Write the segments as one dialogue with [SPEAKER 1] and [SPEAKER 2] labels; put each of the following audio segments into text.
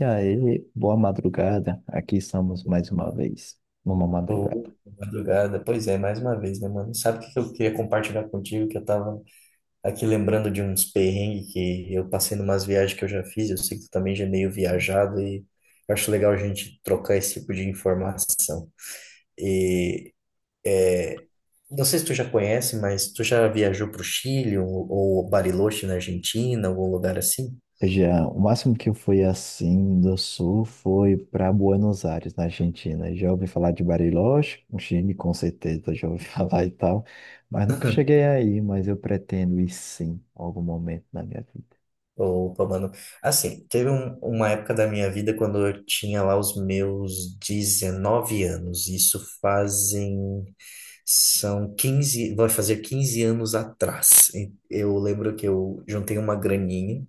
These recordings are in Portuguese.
[SPEAKER 1] E aí, boa madrugada. Aqui estamos mais uma vez, numa
[SPEAKER 2] Ô,
[SPEAKER 1] madrugada.
[SPEAKER 2] madrugada. Pois é, mais uma vez, né, mano? Sabe o que que eu queria compartilhar contigo? Que eu tava aqui lembrando de uns perrengues que eu passei numas viagens que eu já fiz. Eu sei que tu também já é meio viajado e eu acho legal a gente trocar esse tipo de informação. E é, não sei se tu já conhece, mas tu já viajou pro Chile ou Bariloche na Argentina, algum lugar assim?
[SPEAKER 1] Já, o máximo que eu fui assim do sul foi para Buenos Aires, na Argentina. Já ouvi falar de Bariloche, o Chile com certeza já ouvi falar e tal, mas nunca cheguei aí, mas eu pretendo ir sim, em algum momento na minha vida.
[SPEAKER 2] Opa, mano. Assim, uma época da minha vida quando eu tinha lá os meus 19 anos. Isso fazem. São 15 Vai fazer 15 anos atrás. Eu lembro que eu juntei uma graninha.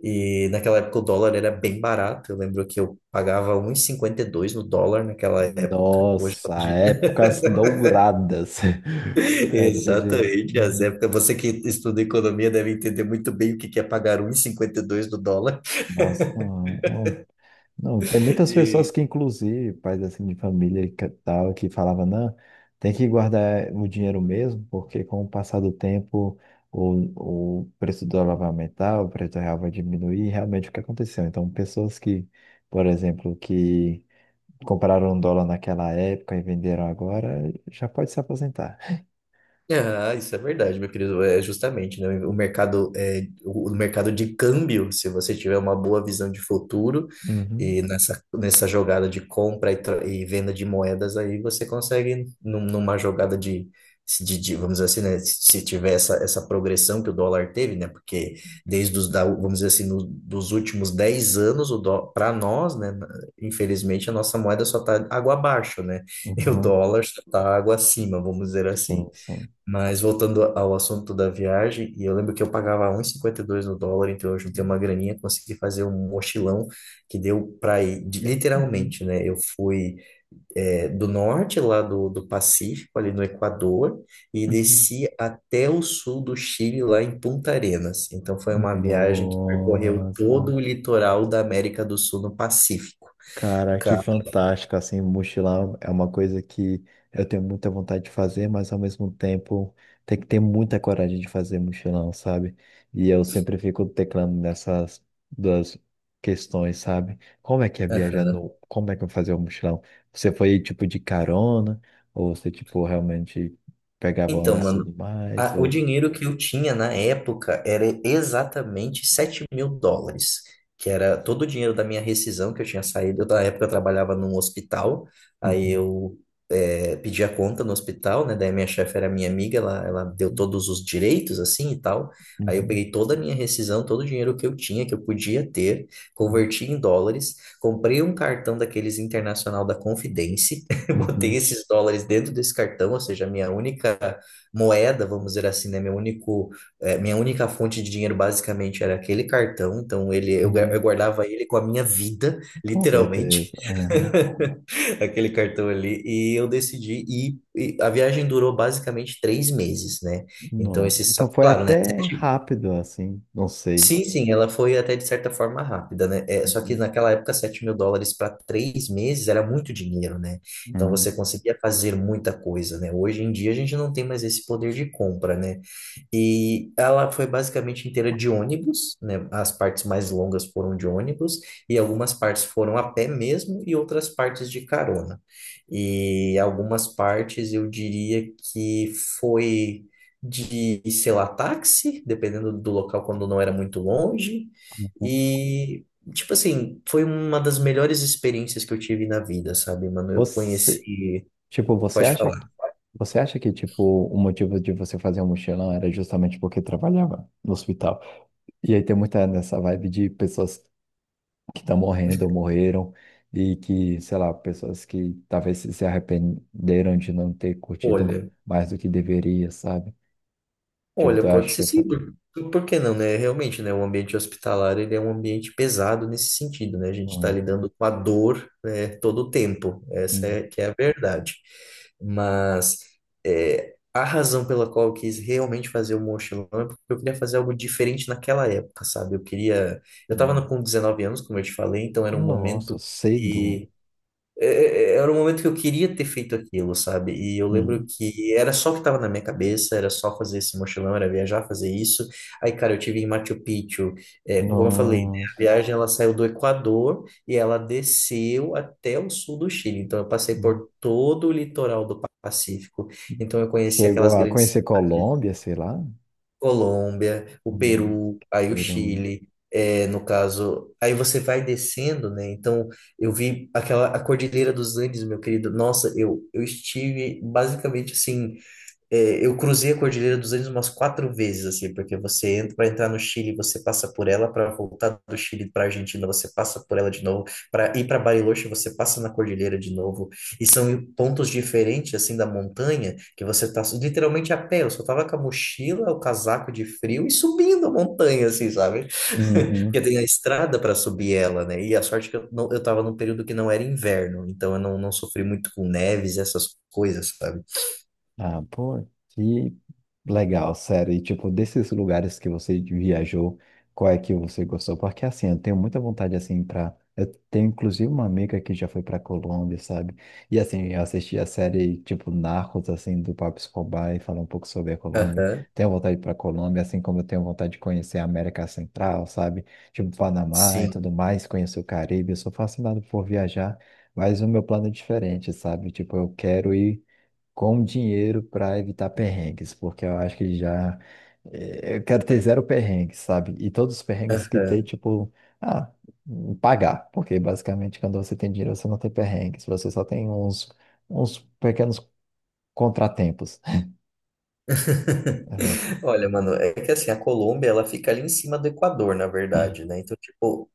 [SPEAKER 2] E naquela época o dólar era bem barato. Eu lembro que eu pagava um e cinquenta e dois no dólar naquela época. Hoje, quando a
[SPEAKER 1] Nossa,
[SPEAKER 2] gente
[SPEAKER 1] épocas douradas. Épocas de...
[SPEAKER 2] Exatamente, as
[SPEAKER 1] Uhum.
[SPEAKER 2] épocas. Você que estuda economia deve entender muito bem o que que é pagar 1,52 do dólar.
[SPEAKER 1] Nossa, é um. Não, tem muitas pessoas que, inclusive, pais assim de família e que tal, que falavam, não, tem que guardar o dinheiro mesmo, porque com o passar do tempo o preço do dólar vai aumentar, o preço do real vai diminuir, e realmente o que aconteceu. Então, pessoas que, por exemplo, que compraram um dólar naquela época e venderam agora, já pode se aposentar.
[SPEAKER 2] Ah, isso é verdade, meu querido. É justamente, né? O mercado é o mercado de câmbio, se você tiver uma boa visão de futuro
[SPEAKER 1] Uhum,
[SPEAKER 2] e nessa jogada de compra e venda de moedas aí, você consegue numa jogada vamos dizer assim, né? Se tiver essa progressão que o dólar teve, né? Porque vamos dizer assim, dos últimos 10 anos, o dó, para nós, né? Infelizmente, a nossa moeda só está água abaixo, né? E o
[SPEAKER 1] uhum,
[SPEAKER 2] dólar só tá água acima, vamos dizer assim.
[SPEAKER 1] sim, sim.
[SPEAKER 2] Mas voltando ao assunto da viagem, e eu lembro que eu pagava 1,52 no dólar, então eu juntei uma graninha, consegui fazer um mochilão que deu para ir,
[SPEAKER 1] Uhum.
[SPEAKER 2] literalmente, né? Eu fui do norte lá do Pacífico, ali no Equador, e desci até o sul do Chile, lá em Punta Arenas. Então foi uma viagem que percorreu
[SPEAKER 1] Nossa.
[SPEAKER 2] todo o litoral da América do Sul no Pacífico.
[SPEAKER 1] Cara, que fantástico, assim, mochilar é uma coisa que eu tenho muita vontade de fazer, mas ao mesmo tempo tem que ter muita coragem de fazer mochilão, sabe? E eu sempre fico teclando nessas duas questões, sabe? Como é que é viajar no... Como é que eu vou fazer o mochilão? Você foi, tipo, de carona? Ou você, tipo, realmente pegava
[SPEAKER 2] Então,
[SPEAKER 1] ônibus e
[SPEAKER 2] mano,
[SPEAKER 1] tudo mais?
[SPEAKER 2] o
[SPEAKER 1] Ou...
[SPEAKER 2] dinheiro que eu tinha na época era exatamente US$ 7.000, que era todo o dinheiro da minha rescisão que eu tinha saído. Eu, na época eu trabalhava num hospital, aí
[SPEAKER 1] Uhum,
[SPEAKER 2] eu pedi a conta no hospital, né? Daí minha chefe era minha amiga, ela deu todos os direitos, assim e tal. Aí eu
[SPEAKER 1] uhum,
[SPEAKER 2] peguei toda a minha rescisão, todo o dinheiro que eu tinha, que eu podia ter,
[SPEAKER 1] uhum,
[SPEAKER 2] converti em dólares, comprei um cartão daqueles internacional da Confidence, botei
[SPEAKER 1] uhum,
[SPEAKER 2] esses dólares dentro desse cartão, ou seja, a minha única moeda, vamos dizer assim, né? Minha única fonte de dinheiro basicamente era aquele cartão, então
[SPEAKER 1] uhum.
[SPEAKER 2] eu guardava ele com a minha vida,
[SPEAKER 1] Com
[SPEAKER 2] literalmente,
[SPEAKER 1] certeza.
[SPEAKER 2] aquele cartão ali, e eu decidi ir, e a viagem durou basicamente 3 meses, né? Então,
[SPEAKER 1] Nossa,
[SPEAKER 2] esse, só
[SPEAKER 1] então
[SPEAKER 2] que,
[SPEAKER 1] foi
[SPEAKER 2] claro, né?
[SPEAKER 1] até rápido, assim, não sei.
[SPEAKER 2] Sim, sim, ela foi até de certa forma rápida, né? Só que
[SPEAKER 1] Uhum.
[SPEAKER 2] naquela época, US$ 7.000 para 3 meses era muito dinheiro, né? Então você
[SPEAKER 1] Uhum.
[SPEAKER 2] conseguia fazer muita coisa, né? Hoje em dia a gente não tem mais esse poder de compra, né? E ela foi basicamente inteira de ônibus, né? As partes mais longas foram de ônibus, e algumas partes foram a pé mesmo, e outras partes de carona. E algumas partes eu diria que foi sei lá, táxi, dependendo do local quando não era muito longe. E, tipo assim, foi uma das melhores experiências que eu tive na vida, sabe, mano? Eu
[SPEAKER 1] Você,
[SPEAKER 2] conheci.
[SPEAKER 1] tipo, você
[SPEAKER 2] Pode
[SPEAKER 1] acha que,
[SPEAKER 2] falar.
[SPEAKER 1] Você acha que, tipo, o motivo de você fazer um mochilão era justamente porque trabalhava no hospital? E aí tem muita nessa vibe de pessoas que estão morrendo ou morreram e que, sei lá, pessoas que talvez se arrependeram de não ter curtido
[SPEAKER 2] Olha,
[SPEAKER 1] mais do que deveria, sabe? Tipo,
[SPEAKER 2] Olha,
[SPEAKER 1] eu
[SPEAKER 2] pode
[SPEAKER 1] acho
[SPEAKER 2] ser
[SPEAKER 1] que
[SPEAKER 2] sim,
[SPEAKER 1] foi...
[SPEAKER 2] por que não, né? Realmente, né, o ambiente hospitalar, ele é um ambiente pesado nesse sentido, né? A gente está
[SPEAKER 1] Uhum.
[SPEAKER 2] lidando com a dor, né, todo o tempo, essa é
[SPEAKER 1] Uhum.
[SPEAKER 2] que é a verdade. Mas a razão pela qual eu quis realmente fazer o mochilão é porque eu queria fazer algo diferente naquela época, sabe? Eu queria... Eu estava
[SPEAKER 1] Uhum.
[SPEAKER 2] com 19 anos, como eu te falei, então era um
[SPEAKER 1] Nossa,
[SPEAKER 2] momento
[SPEAKER 1] cedo.
[SPEAKER 2] que era um momento que eu queria ter feito aquilo, sabe? E eu lembro
[SPEAKER 1] Uhum.
[SPEAKER 2] que era só o que estava na minha cabeça, era só fazer esse mochilão, era viajar, fazer isso. Aí, cara, eu tive em Machu Picchu, como eu falei, né? A
[SPEAKER 1] Nossa.
[SPEAKER 2] viagem ela saiu do Equador e ela desceu até o sul do Chile. Então, eu passei
[SPEAKER 1] Hum.
[SPEAKER 2] por todo o litoral do Pacífico. Então, eu conheci
[SPEAKER 1] Chegou
[SPEAKER 2] aquelas
[SPEAKER 1] a
[SPEAKER 2] grandes
[SPEAKER 1] conhecer
[SPEAKER 2] cidades.
[SPEAKER 1] Colômbia, sei lá.
[SPEAKER 2] Colômbia, o
[SPEAKER 1] Hum,
[SPEAKER 2] Peru, aí o
[SPEAKER 1] Peru.
[SPEAKER 2] Chile, no caso, aí você vai descendo, né? Então, eu vi aquela a Cordilheira dos Andes, meu querido. Nossa, eu estive basicamente assim eu cruzei a Cordilheira dos Andes umas 4 vezes, assim, porque você entra para entrar no Chile, você passa por ela, para voltar do Chile para Argentina, você passa por ela de novo, para ir para Bariloche, você passa na Cordilheira de novo, e são pontos diferentes, assim, da montanha, que você tá literalmente a pé, eu só tava com a mochila, o casaco de frio e subindo a montanha, assim, sabe?
[SPEAKER 1] Uhum.
[SPEAKER 2] Porque tem a estrada para subir ela, né? E a sorte que eu, não, eu tava num período que não era inverno, então eu não, não sofri muito com neves, essas coisas, sabe?
[SPEAKER 1] Ah, pô, que legal, sério. E, tipo, desses lugares que você viajou, qual é que você gostou? Porque, assim, eu tenho muita vontade, assim, pra... Eu tenho, inclusive, uma amiga que já foi pra Colômbia, sabe? E, assim, eu assisti a série, tipo, Narcos, assim, do Pablo Escobar e falar um pouco sobre a Colômbia.
[SPEAKER 2] Aham.
[SPEAKER 1] Tenho vontade pra Colômbia, assim como eu tenho vontade de conhecer a América Central, sabe? Tipo, Panamá e
[SPEAKER 2] Sim.
[SPEAKER 1] tudo mais, conhecer o Caribe. Eu sou fascinado por viajar, mas o meu plano é diferente, sabe? Tipo, eu quero ir com dinheiro para evitar perrengues, porque eu acho que já. Eu quero ter zero perrengues, sabe? E todos os perrengues que tem,
[SPEAKER 2] Aham.
[SPEAKER 1] tipo, ah, pagar, porque basicamente quando você tem dinheiro você não tem perrengues, você só tem uns, uns pequenos contratempos. Ela,
[SPEAKER 2] Olha, mano, é que assim, a Colômbia, ela fica ali em cima do Equador, na verdade, né? Então, tipo,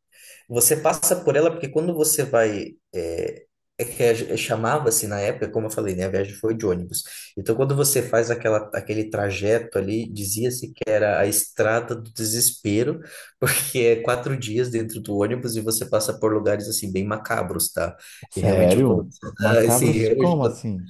[SPEAKER 2] você passa por ela porque quando você vai. É que chamava-se na época, como eu falei, né? A viagem foi de ônibus. Então, quando você faz aquele trajeto ali, dizia-se que era a estrada do desespero, porque é 4 dias dentro do ônibus e você passa por lugares, assim, bem macabros, tá? E realmente, quando.
[SPEAKER 1] sério?
[SPEAKER 2] Assim,
[SPEAKER 1] Macabros como assim?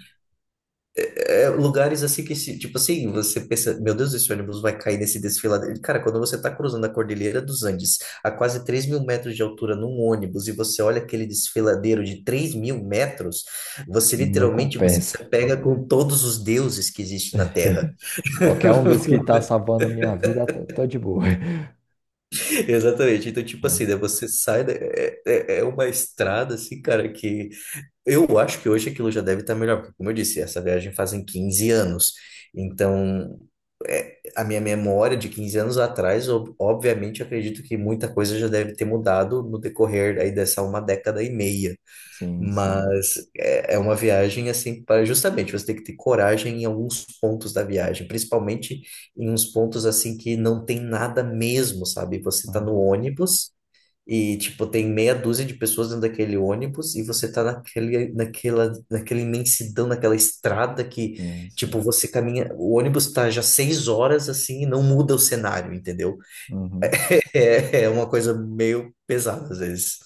[SPEAKER 2] lugares assim que, tipo assim, você pensa, meu Deus, esse ônibus vai cair nesse desfiladeiro. Cara, quando você está cruzando a Cordilheira dos Andes, a quase 3.000 metros de altura num ônibus, e você olha aquele desfiladeiro de 3.000 metros, você
[SPEAKER 1] Não
[SPEAKER 2] literalmente você se
[SPEAKER 1] compensa.
[SPEAKER 2] apega com todos os deuses que existem na Terra.
[SPEAKER 1] Qualquer um desses que tá salvando a minha vida, tô de boa.
[SPEAKER 2] Exatamente. Então, tipo
[SPEAKER 1] Ah,
[SPEAKER 2] assim, né, você sai, é uma estrada, assim, cara, que eu acho que hoje aquilo já deve estar melhor, porque, como eu disse, essa viagem fazem 15 anos. Então, a minha memória de 15 anos atrás, obviamente, acredito que muita coisa já deve ter mudado no decorrer aí dessa uma década e meia.
[SPEAKER 1] sim, sim.
[SPEAKER 2] Mas é uma viagem assim para justamente você ter que ter coragem em alguns pontos da viagem, principalmente em uns pontos assim que não tem nada mesmo, sabe? Você está no
[SPEAKER 1] Uhum,
[SPEAKER 2] ônibus. E, tipo, tem meia dúzia de pessoas dentro daquele ônibus e você tá naquela imensidão, naquela estrada que,
[SPEAKER 1] sim, sim.
[SPEAKER 2] tipo, você caminha. O ônibus tá já 6 horas assim e não muda o cenário, entendeu?
[SPEAKER 1] Uhum.
[SPEAKER 2] É, é uma coisa meio pesada às vezes.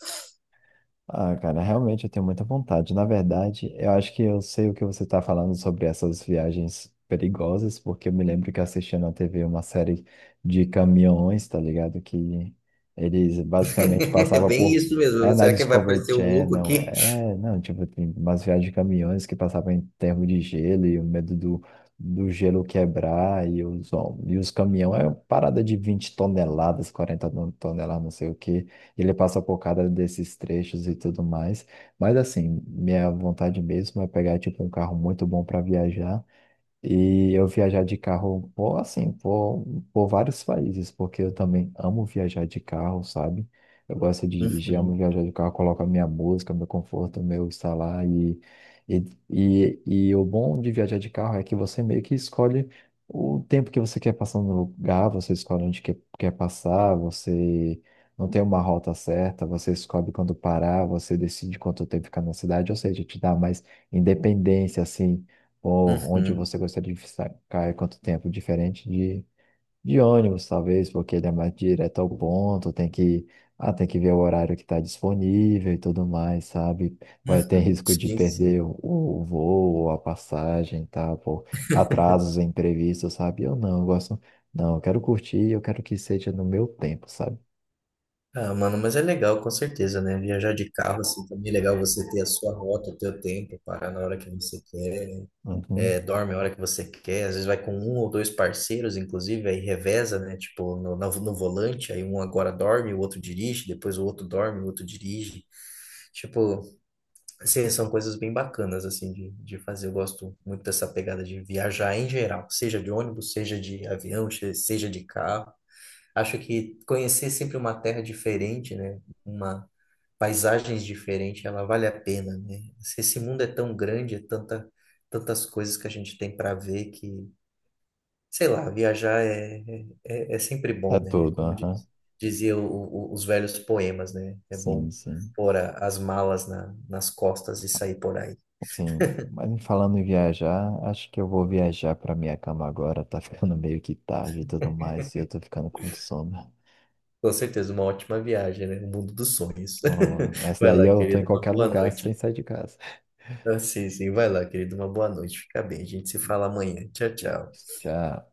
[SPEAKER 1] Ah, cara, realmente eu tenho muita vontade. Na verdade, eu acho que eu sei o que você está falando sobre essas viagens perigosas, porque eu me lembro que assisti na TV uma série de caminhões, tá ligado? Que eles basicamente
[SPEAKER 2] É
[SPEAKER 1] passavam
[SPEAKER 2] bem
[SPEAKER 1] por.
[SPEAKER 2] isso
[SPEAKER 1] É
[SPEAKER 2] mesmo.
[SPEAKER 1] na
[SPEAKER 2] Será que vai
[SPEAKER 1] Discovery
[SPEAKER 2] aparecer um louco
[SPEAKER 1] Channel,
[SPEAKER 2] aqui?
[SPEAKER 1] é, não, tipo, tem umas viagens de caminhões que passavam em termo de gelo e o medo do, do gelo quebrar e os, hom- e os caminhões, é uma parada de 20 toneladas, 40 toneladas, não sei o quê. Ele passa por cada desses trechos e tudo mais. Mas assim, minha vontade mesmo é pegar tipo um carro muito bom para viajar. E eu viajar de carro, por, assim, por vários países, porque eu também amo viajar de carro, sabe? Eu gosto de dirigir, amo
[SPEAKER 2] Uhum,
[SPEAKER 1] viajar de carro, coloco a minha música, meu conforto, meu estar lá. E, e, e o bom de viajar de carro é que você meio que escolhe o tempo que você quer passar no lugar, você escolhe onde quer, quer passar, você não tem uma rota certa, você escolhe quando parar, você decide quanto tempo ficar na cidade, ou seja, te dá mais independência, assim ou onde
[SPEAKER 2] uhum,
[SPEAKER 1] você gostaria de ficar e quanto tempo, diferente de ônibus, talvez, porque ele é mais direto ao ponto, tem que, ah, tem que ver o horário que está disponível e tudo mais, sabe? Vai ter
[SPEAKER 2] uhum.
[SPEAKER 1] risco de
[SPEAKER 2] Sim, sim.
[SPEAKER 1] perder o voo, ou a passagem, tá? Por atrasos imprevistos, sabe? Eu não, eu gosto, não, eu quero curtir, eu quero que seja no meu tempo, sabe?
[SPEAKER 2] Ah, mano, mas é legal, com certeza, né? Viajar de carro, assim, também é legal você ter a sua rota, o teu tempo, parar na hora que você quer,
[SPEAKER 1] Uhum.
[SPEAKER 2] dorme a hora que você quer, às vezes vai com um ou dois parceiros, inclusive, aí reveza, né? Tipo, no volante, aí um agora dorme, o outro dirige, depois o outro dorme, o outro dirige. Tipo, assim, são coisas bem bacanas, assim, de fazer. Eu gosto muito dessa pegada de viajar em geral, seja de ônibus, seja de avião, seja de carro. Acho que conhecer sempre uma terra diferente, né? Uma paisagens diferente, ela vale a pena, né? Se Esse mundo é tão grande, tantas coisas que a gente tem para ver que, sei lá, viajar é sempre
[SPEAKER 1] É
[SPEAKER 2] bom, né? É
[SPEAKER 1] tudo,
[SPEAKER 2] Como diz,
[SPEAKER 1] aham.
[SPEAKER 2] dizia os velhos poemas, né? É
[SPEAKER 1] Sim,
[SPEAKER 2] bom
[SPEAKER 1] sim.
[SPEAKER 2] pôr as malas nas costas e sair por aí.
[SPEAKER 1] Sim, mas falando em viajar, acho que eu vou viajar para minha cama agora. Tá ficando meio que tarde e tudo mais, e eu tô ficando com sono.
[SPEAKER 2] Com certeza, uma ótima viagem, né? O mundo dos sonhos.
[SPEAKER 1] Essa
[SPEAKER 2] Vai
[SPEAKER 1] daí
[SPEAKER 2] lá,
[SPEAKER 1] eu tô em
[SPEAKER 2] querido. Uma
[SPEAKER 1] qualquer
[SPEAKER 2] boa
[SPEAKER 1] lugar
[SPEAKER 2] noite.
[SPEAKER 1] sem sair de casa.
[SPEAKER 2] Ah, sim, sim. Vai lá, querido. Uma boa noite. Fica bem. A gente se fala amanhã. Tchau, tchau.
[SPEAKER 1] Tchau.